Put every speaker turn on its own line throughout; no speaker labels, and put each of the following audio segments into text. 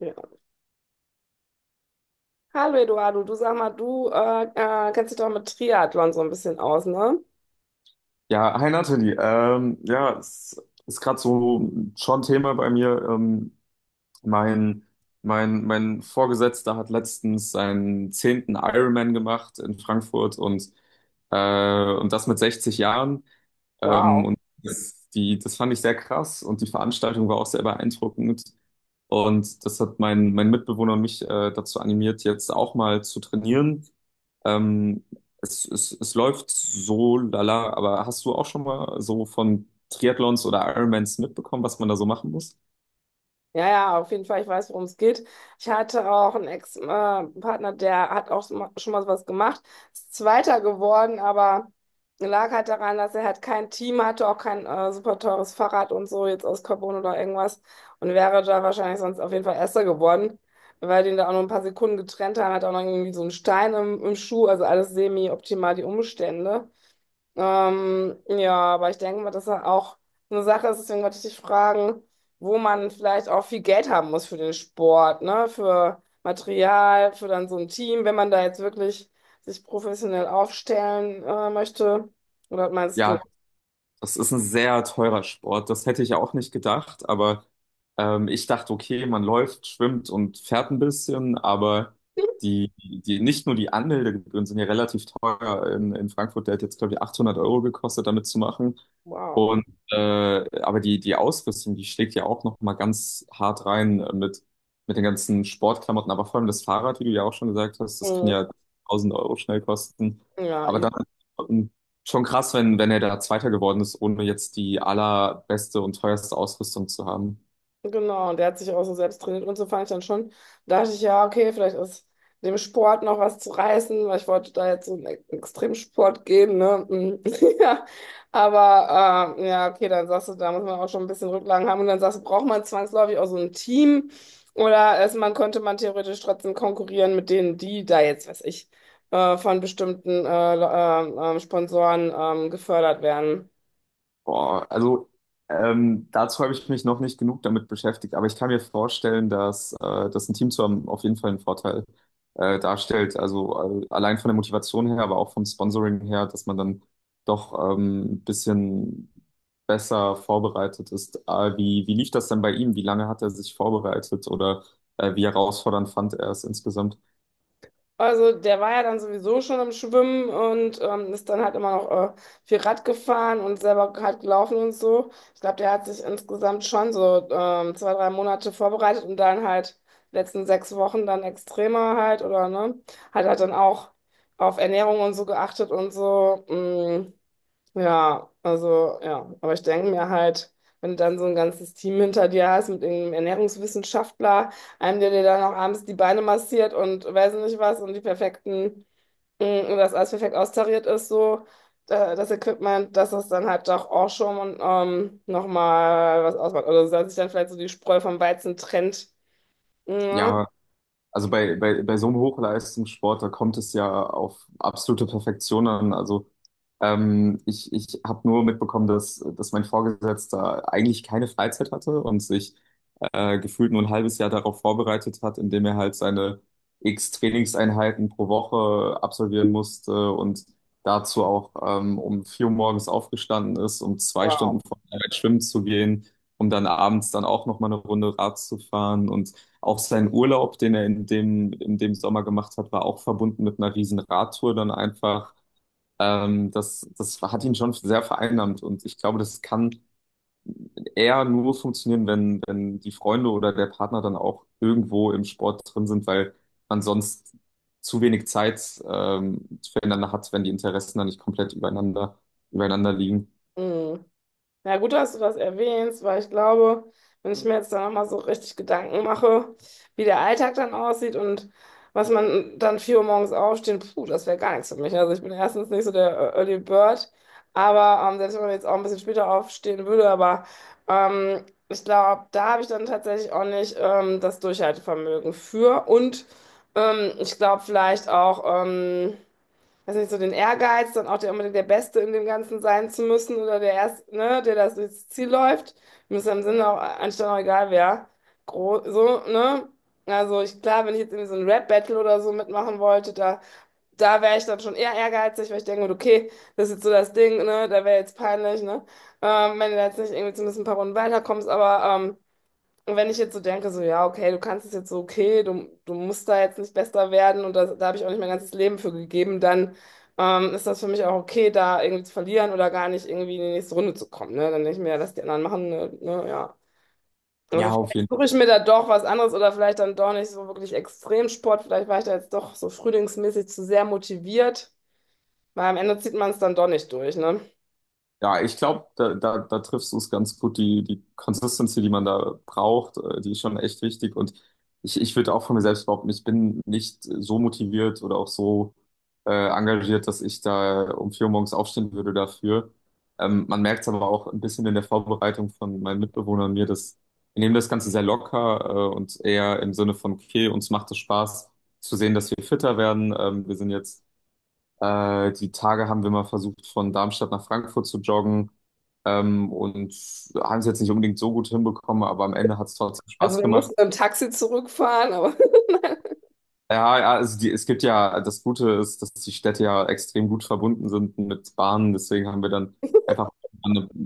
Ja. Hallo Eduardo, du sag mal, du kennst dich doch mit Triathlon so ein bisschen aus, ne?
Ja, hi Nathalie. Ja, es ist gerade so schon Thema bei mir. Mein, mein Vorgesetzter hat letztens seinen zehnten Ironman gemacht in Frankfurt und das mit 60 Jahren. Ähm,
Wow.
und das fand ich sehr krass und die Veranstaltung war auch sehr beeindruckend. Und das hat mein Mitbewohner und mich dazu animiert, jetzt auch mal zu trainieren. Ähm, es läuft so lala, aber hast du auch schon mal so von Triathlons oder Ironmans mitbekommen, was man da so machen muss?
Ja, ja, auf jeden Fall, ich weiß, worum es geht. Ich hatte auch einen Ex-Partner, der hat auch schon mal sowas gemacht, ist Zweiter geworden, aber lag halt daran, dass er halt kein Team hatte, auch kein super teures Fahrrad und so, jetzt aus Carbon oder irgendwas und wäre da wahrscheinlich sonst auf jeden Fall Erster geworden, weil den da auch nur ein paar Sekunden getrennt haben, hat auch noch irgendwie so einen Stein im Schuh, also alles semi-optimal die Umstände. Ja, aber ich denke mal, dass er auch eine Sache ist, deswegen wollte ich dich fragen, wo man vielleicht auch viel Geld haben muss für den Sport, ne? Für Material, für dann so ein Team, wenn man da jetzt wirklich sich professionell aufstellen möchte. Oder meinst du?
Ja, das ist ein sehr teurer Sport. Das hätte ich ja auch nicht gedacht, aber ich dachte, okay, man läuft, schwimmt und fährt ein bisschen, aber nicht nur die Anmeldegebühren sind ja relativ teuer in, Frankfurt. Der hat jetzt, glaube ich, 800 Euro gekostet, damit zu machen.
Wow.
Und aber die Ausrüstung, die schlägt ja auch noch mal ganz hart rein mit den ganzen Sportklamotten, aber vor allem das Fahrrad, wie du ja auch schon gesagt hast, das kann
Mhm.
ja 1000 Euro schnell kosten.
Ja,
Aber dann schon krass, wenn, er da Zweiter geworden ist, ohne jetzt die allerbeste und teuerste Ausrüstung zu haben.
genau, und der hat sich auch so selbst trainiert und so fand ich dann schon, da dachte ich, ja, okay, vielleicht ist dem Sport noch was zu reißen, weil ich wollte da jetzt so einen Extremsport gehen, ne? Ja, aber ja, okay, dann sagst du, da muss man auch schon ein bisschen Rücklagen haben und dann sagst du, braucht man zwangsläufig auch so ein Team oder ist man, könnte man theoretisch trotzdem konkurrieren mit denen, die da jetzt, weiß ich, von bestimmten Sponsoren gefördert werden.
Boah, also dazu habe ich mich noch nicht genug damit beschäftigt, aber ich kann mir vorstellen, dass ein Team zu haben auf jeden Fall einen Vorteil darstellt. Also allein von der Motivation her, aber auch vom Sponsoring her, dass man dann doch ein bisschen besser vorbereitet ist. Wie lief das denn bei ihm? Wie lange hat er sich vorbereitet oder wie herausfordernd fand er es insgesamt?
Also der war ja dann sowieso schon im Schwimmen und ist dann halt immer noch viel Rad gefahren und selber halt gelaufen und so. Ich glaube, der hat sich insgesamt schon so zwei, drei Monate vorbereitet und dann halt letzten sechs Wochen dann extremer halt oder ne, hat halt dann auch auf Ernährung und so geachtet und so. Mm. Ja, also ja, aber ich denke mir halt, wenn du dann so ein ganzes Team hinter dir hast mit irgendeinem Ernährungswissenschaftler, einem, der dir dann auch abends die Beine massiert und weiß nicht was und die perfekten, und das alles perfekt austariert ist, so das Equipment, dass das dann halt doch auch schon und, nochmal was ausmacht. Oder dass sich dann vielleicht so die Spreu vom Weizen trennt. Ja,
Ja, also bei, so einem Hochleistungssport, da kommt es ja auf absolute Perfektion an. Also ich habe nur mitbekommen, dass mein Vorgesetzter eigentlich keine Freizeit hatte und sich gefühlt nur ein halbes Jahr darauf vorbereitet hat, indem er halt seine X Trainingseinheiten pro Woche absolvieren musste und dazu auch um 4 Uhr morgens aufgestanden ist, um 2 Stunden
wow.
vor der Arbeit schwimmen zu gehen, um dann abends dann auch nochmal eine Runde Rad zu fahren und auch sein Urlaub, den er in dem Sommer gemacht hat, war auch verbunden mit einer riesen Radtour dann einfach. Das hat ihn schon sehr vereinnahmt und ich glaube, das kann eher nur funktionieren, wenn die Freunde oder der Partner dann auch irgendwo im Sport drin sind, weil man sonst zu wenig Zeit füreinander hat, wenn die Interessen dann nicht komplett übereinander liegen.
Mhm. Na gut, dass du das erwähnst, weil ich glaube, wenn ich mir jetzt da nochmal so richtig Gedanken mache, wie der Alltag dann aussieht und was man dann 4 Uhr morgens aufstehen, puh, das wäre gar nichts für mich. Also ich bin erstens nicht so der Early Bird, aber selbst wenn man jetzt auch ein bisschen später aufstehen würde, aber ich glaube, da habe ich dann tatsächlich auch nicht das Durchhaltevermögen für und ich glaube vielleicht auch, weiß nicht, so den Ehrgeiz, dann auch der, unbedingt der Beste in dem Ganzen sein zu müssen oder der Erst, ne, der das durchs Ziel läuft. Mir ist am Sinne auch, anstatt auch egal wer. Gro so, ne? Also ich, klar, wenn ich jetzt irgendwie so ein Rap-Battle oder so mitmachen wollte, da, da wäre ich dann schon eher ehrgeizig, weil ich denke, okay, das ist jetzt so das Ding, ne? Da wäre jetzt peinlich, ne? Wenn du da jetzt nicht irgendwie zumindest ein paar Runden weiterkommst, aber und wenn ich jetzt so denke, so, ja, okay, du kannst es jetzt so, okay, du musst da jetzt nicht besser werden und das, da habe ich auch nicht mein ganzes Leben für gegeben, dann ist das für mich auch okay, da irgendwie zu verlieren oder gar nicht irgendwie in die nächste Runde zu kommen. Ne? Dann denke ich mir, ja, lass die anderen machen, ne, ne, ja. Also
Ja, auf
vielleicht
jeden Fall.
suche ich mir da doch was anderes oder vielleicht dann doch nicht so wirklich Extremsport. Vielleicht war ich da jetzt doch so frühlingsmäßig zu sehr motiviert, weil am Ende zieht man es dann doch nicht durch, ne?
Ja, ich glaube, da triffst du es ganz gut. Die Consistency, die man da braucht, die ist schon echt wichtig. Und ich würde auch von mir selbst behaupten, ich bin nicht so motiviert oder auch so engagiert, dass ich da um 4 Uhr morgens aufstehen würde dafür. Man merkt es aber auch ein bisschen in der Vorbereitung von meinen Mitbewohnern und mir, dass wir nehmen das Ganze sehr locker und eher im Sinne von, okay, uns macht es Spaß zu sehen, dass wir fitter werden. Wir sind jetzt die Tage haben wir mal versucht, von Darmstadt nach Frankfurt zu joggen und haben es jetzt nicht unbedingt so gut hinbekommen, aber am Ende hat es trotzdem
Also
Spaß
wir
gemacht.
mussten im Taxi zurückfahren, aber
Ja, ja, also es gibt ja, das Gute ist, dass die Städte ja extrem gut verbunden sind mit Bahnen, deswegen haben wir dann einfach,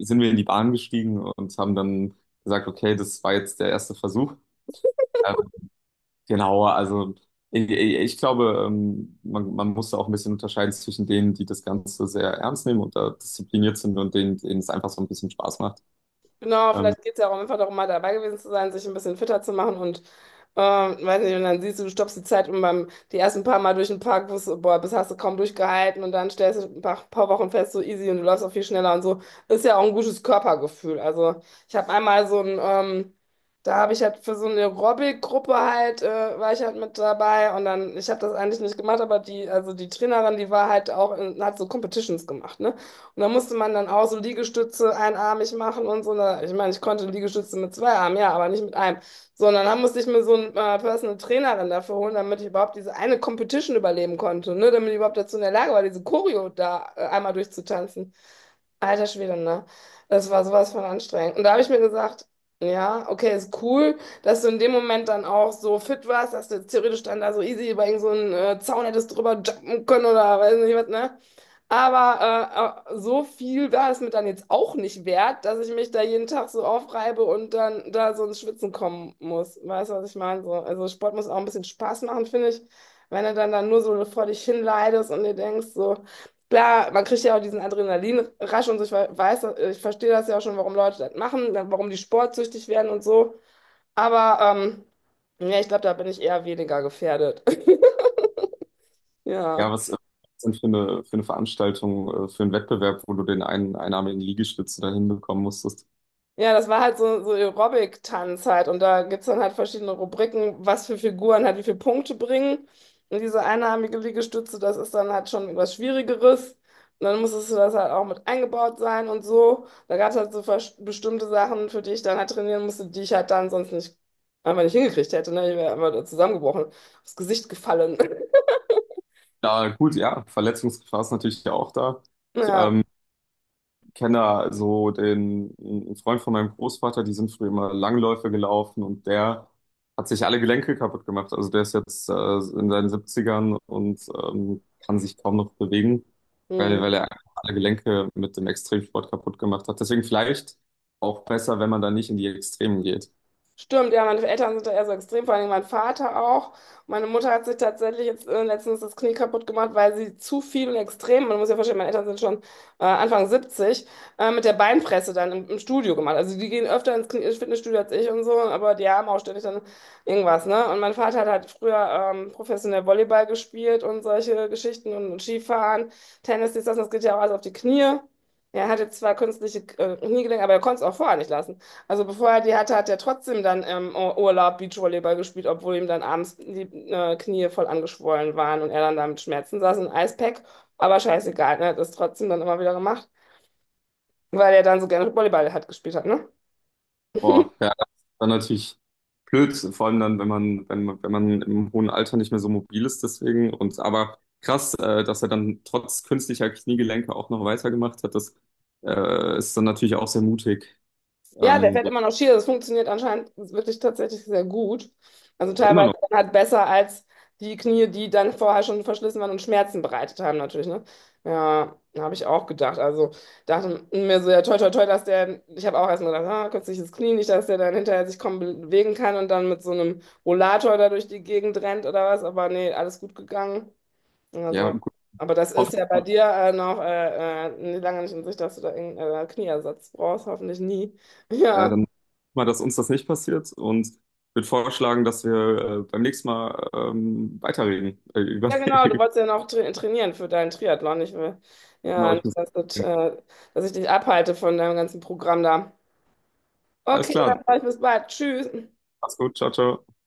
sind wir in die Bahn gestiegen und haben dann gesagt, okay, das war jetzt der erste Versuch. Genau, also ich glaube, man muss da auch ein bisschen unterscheiden zwischen denen, die das Ganze sehr ernst nehmen und da diszipliniert sind und denen, denen es einfach so ein bisschen Spaß macht.
genau,
Ähm,
vielleicht geht es ja auch einfach darum, mal dabei gewesen zu sein, sich ein bisschen fitter zu machen und weiß nicht, und dann siehst du, du stoppst die Zeit und beim die ersten paar Mal durch den Park, wusstest, du, boah, bis hast du kaum durchgehalten und dann stellst du ein paar Wochen fest, so easy und du läufst auch viel schneller und so. Ist ja auch ein gutes Körpergefühl. Also ich habe einmal so ein, da habe ich halt für so eine Aerobic-Gruppe halt, war ich halt mit dabei und dann, ich habe das eigentlich nicht gemacht, aber die, also die Trainerin, die war halt auch, in, hat so Competitions gemacht, ne? Und da musste man dann auch so Liegestütze einarmig machen und so. Na, ich meine, ich konnte Liegestütze mit zwei Armen, ja, aber nicht mit einem. Sondern dann musste ich mir so einen Personal Trainer dann dafür holen, damit ich überhaupt diese eine Competition überleben konnte, ne? Damit ich überhaupt dazu in der Lage war, diese Choreo da einmal durchzutanzen. Alter Schwede, ne? Das war sowas von anstrengend. Und da habe ich mir gesagt, ja, okay, ist cool, dass du in dem Moment dann auch so fit warst, dass du theoretisch dann da so easy über irgend so einen Zaun hättest drüber jumpen können oder weiß nicht was, ne? Aber so viel war es mir dann jetzt auch nicht wert, dass ich mich da jeden Tag so aufreibe und dann da so ins Schwitzen kommen muss. Weißt du, was ich meine? So, also Sport muss auch ein bisschen Spaß machen, finde ich. Wenn du dann nur so vor dich hinleidest und dir denkst so, klar, man kriegt ja auch diesen Adrenalinrausch und so, ich weiß, ich verstehe das ja auch schon, warum Leute das machen, dann warum die sportsüchtig werden und so. Aber ja, ich glaube, da bin ich eher weniger gefährdet.
ja,
Ja.
was ist denn für eine Veranstaltung, für einen Wettbewerb, wo du den einen einarmigen Liegestütze da hinbekommen musstest?
Ja, das war halt so, so Aerobic-Tanz halt. Und da gibt es dann halt verschiedene Rubriken, was für Figuren halt wie viele Punkte bringen. Und diese einarmige Liegestütze, das ist dann halt schon was Schwierigeres. Und dann musstest du das halt auch mit eingebaut sein und so. Da gab es halt so bestimmte Sachen, für die ich dann halt trainieren musste, die ich halt dann sonst nicht einfach nicht hingekriegt hätte. Ne? Ich wäre einfach zusammengebrochen, aufs Gesicht gefallen.
Da, gut, ja, Verletzungsgefahr ist natürlich auch da. Ich,
Ja.
ähm, kenne da so den einen Freund von meinem Großvater, die sind früher immer Langläufe gelaufen und der hat sich alle Gelenke kaputt gemacht. Also der ist jetzt in seinen Siebzigern und kann sich kaum noch bewegen, weil,
Hm.
weil er einfach alle Gelenke mit dem Extremsport kaputt gemacht hat. Deswegen vielleicht auch besser, wenn man da nicht in die Extremen geht.
Stimmt, ja, meine Eltern sind da eher so extrem, vor allem mein Vater auch. Meine Mutter hat sich tatsächlich jetzt letztens das Knie kaputt gemacht, weil sie zu viel und extrem, man muss ja verstehen, meine Eltern sind schon Anfang 70, mit der Beinpresse dann im Studio gemacht. Also die gehen öfter ins ins Fitnessstudio als ich und so, aber die haben auch ständig dann irgendwas, ne? Und mein Vater hat halt früher professionell Volleyball gespielt und solche Geschichten und Skifahren, Tennis, dies, das, und das geht ja auch alles auf die Knie. Ja, er hat jetzt zwar künstliche Kniegelenke, aber er konnte es auch vorher nicht lassen. Also bevor er die hatte, hat er trotzdem dann im Urlaub Beachvolleyball gespielt, obwohl ihm dann abends die Knie voll angeschwollen waren und er dann da mit Schmerzen saß, ein Eispack. Aber scheißegal, ne? Er hat das trotzdem dann immer wieder gemacht, weil er dann so gerne Volleyball hat gespielt hat, ne?
Boah, ja, das ist dann natürlich blöd, vor allem dann, wenn man im hohen Alter nicht mehr so mobil ist, deswegen. Und aber krass, dass er dann trotz künstlicher Kniegelenke auch noch weitergemacht hat, das ist dann natürlich auch sehr mutig.
Ja, der
Ähm,
fährt
so,
immer noch Ski. Das funktioniert anscheinend wirklich tatsächlich sehr gut. Also
immer
teilweise
noch.
dann halt besser als die Knie, die dann vorher schon verschlissen waren und Schmerzen bereitet haben, natürlich, ne? Ja, habe ich auch gedacht. Also dachte mir so, ja, toi, toi, toi, dass der, ich habe auch erst mal gedacht, ah, künstliches Knie, nicht, dass der dann hinterher sich kaum bewegen kann und dann mit so einem Rollator da durch die Gegend rennt oder was. Aber nee, alles gut gegangen.
Ja,
Also,
gut,
aber das ist
hoffe, ich
ja bei
mal,
dir noch nee, lange nicht in Sicht, dass du da irgendeinen Knieersatz brauchst, hoffentlich nie. Ja.
dann mal, dass uns das nicht passiert und würde vorschlagen, dass wir beim nächsten Mal weiterreden. Über,
Ja, genau, du wolltest ja noch trainieren für deinen Triathlon. Ich will
genau,
ja
ich muss.
nicht, dass, das, dass ich dich abhalte von deinem ganzen Programm da.
Alles
Okay,
klar,
dann sag ich bis bald. Tschüss.
mach's gut, ciao, ciao.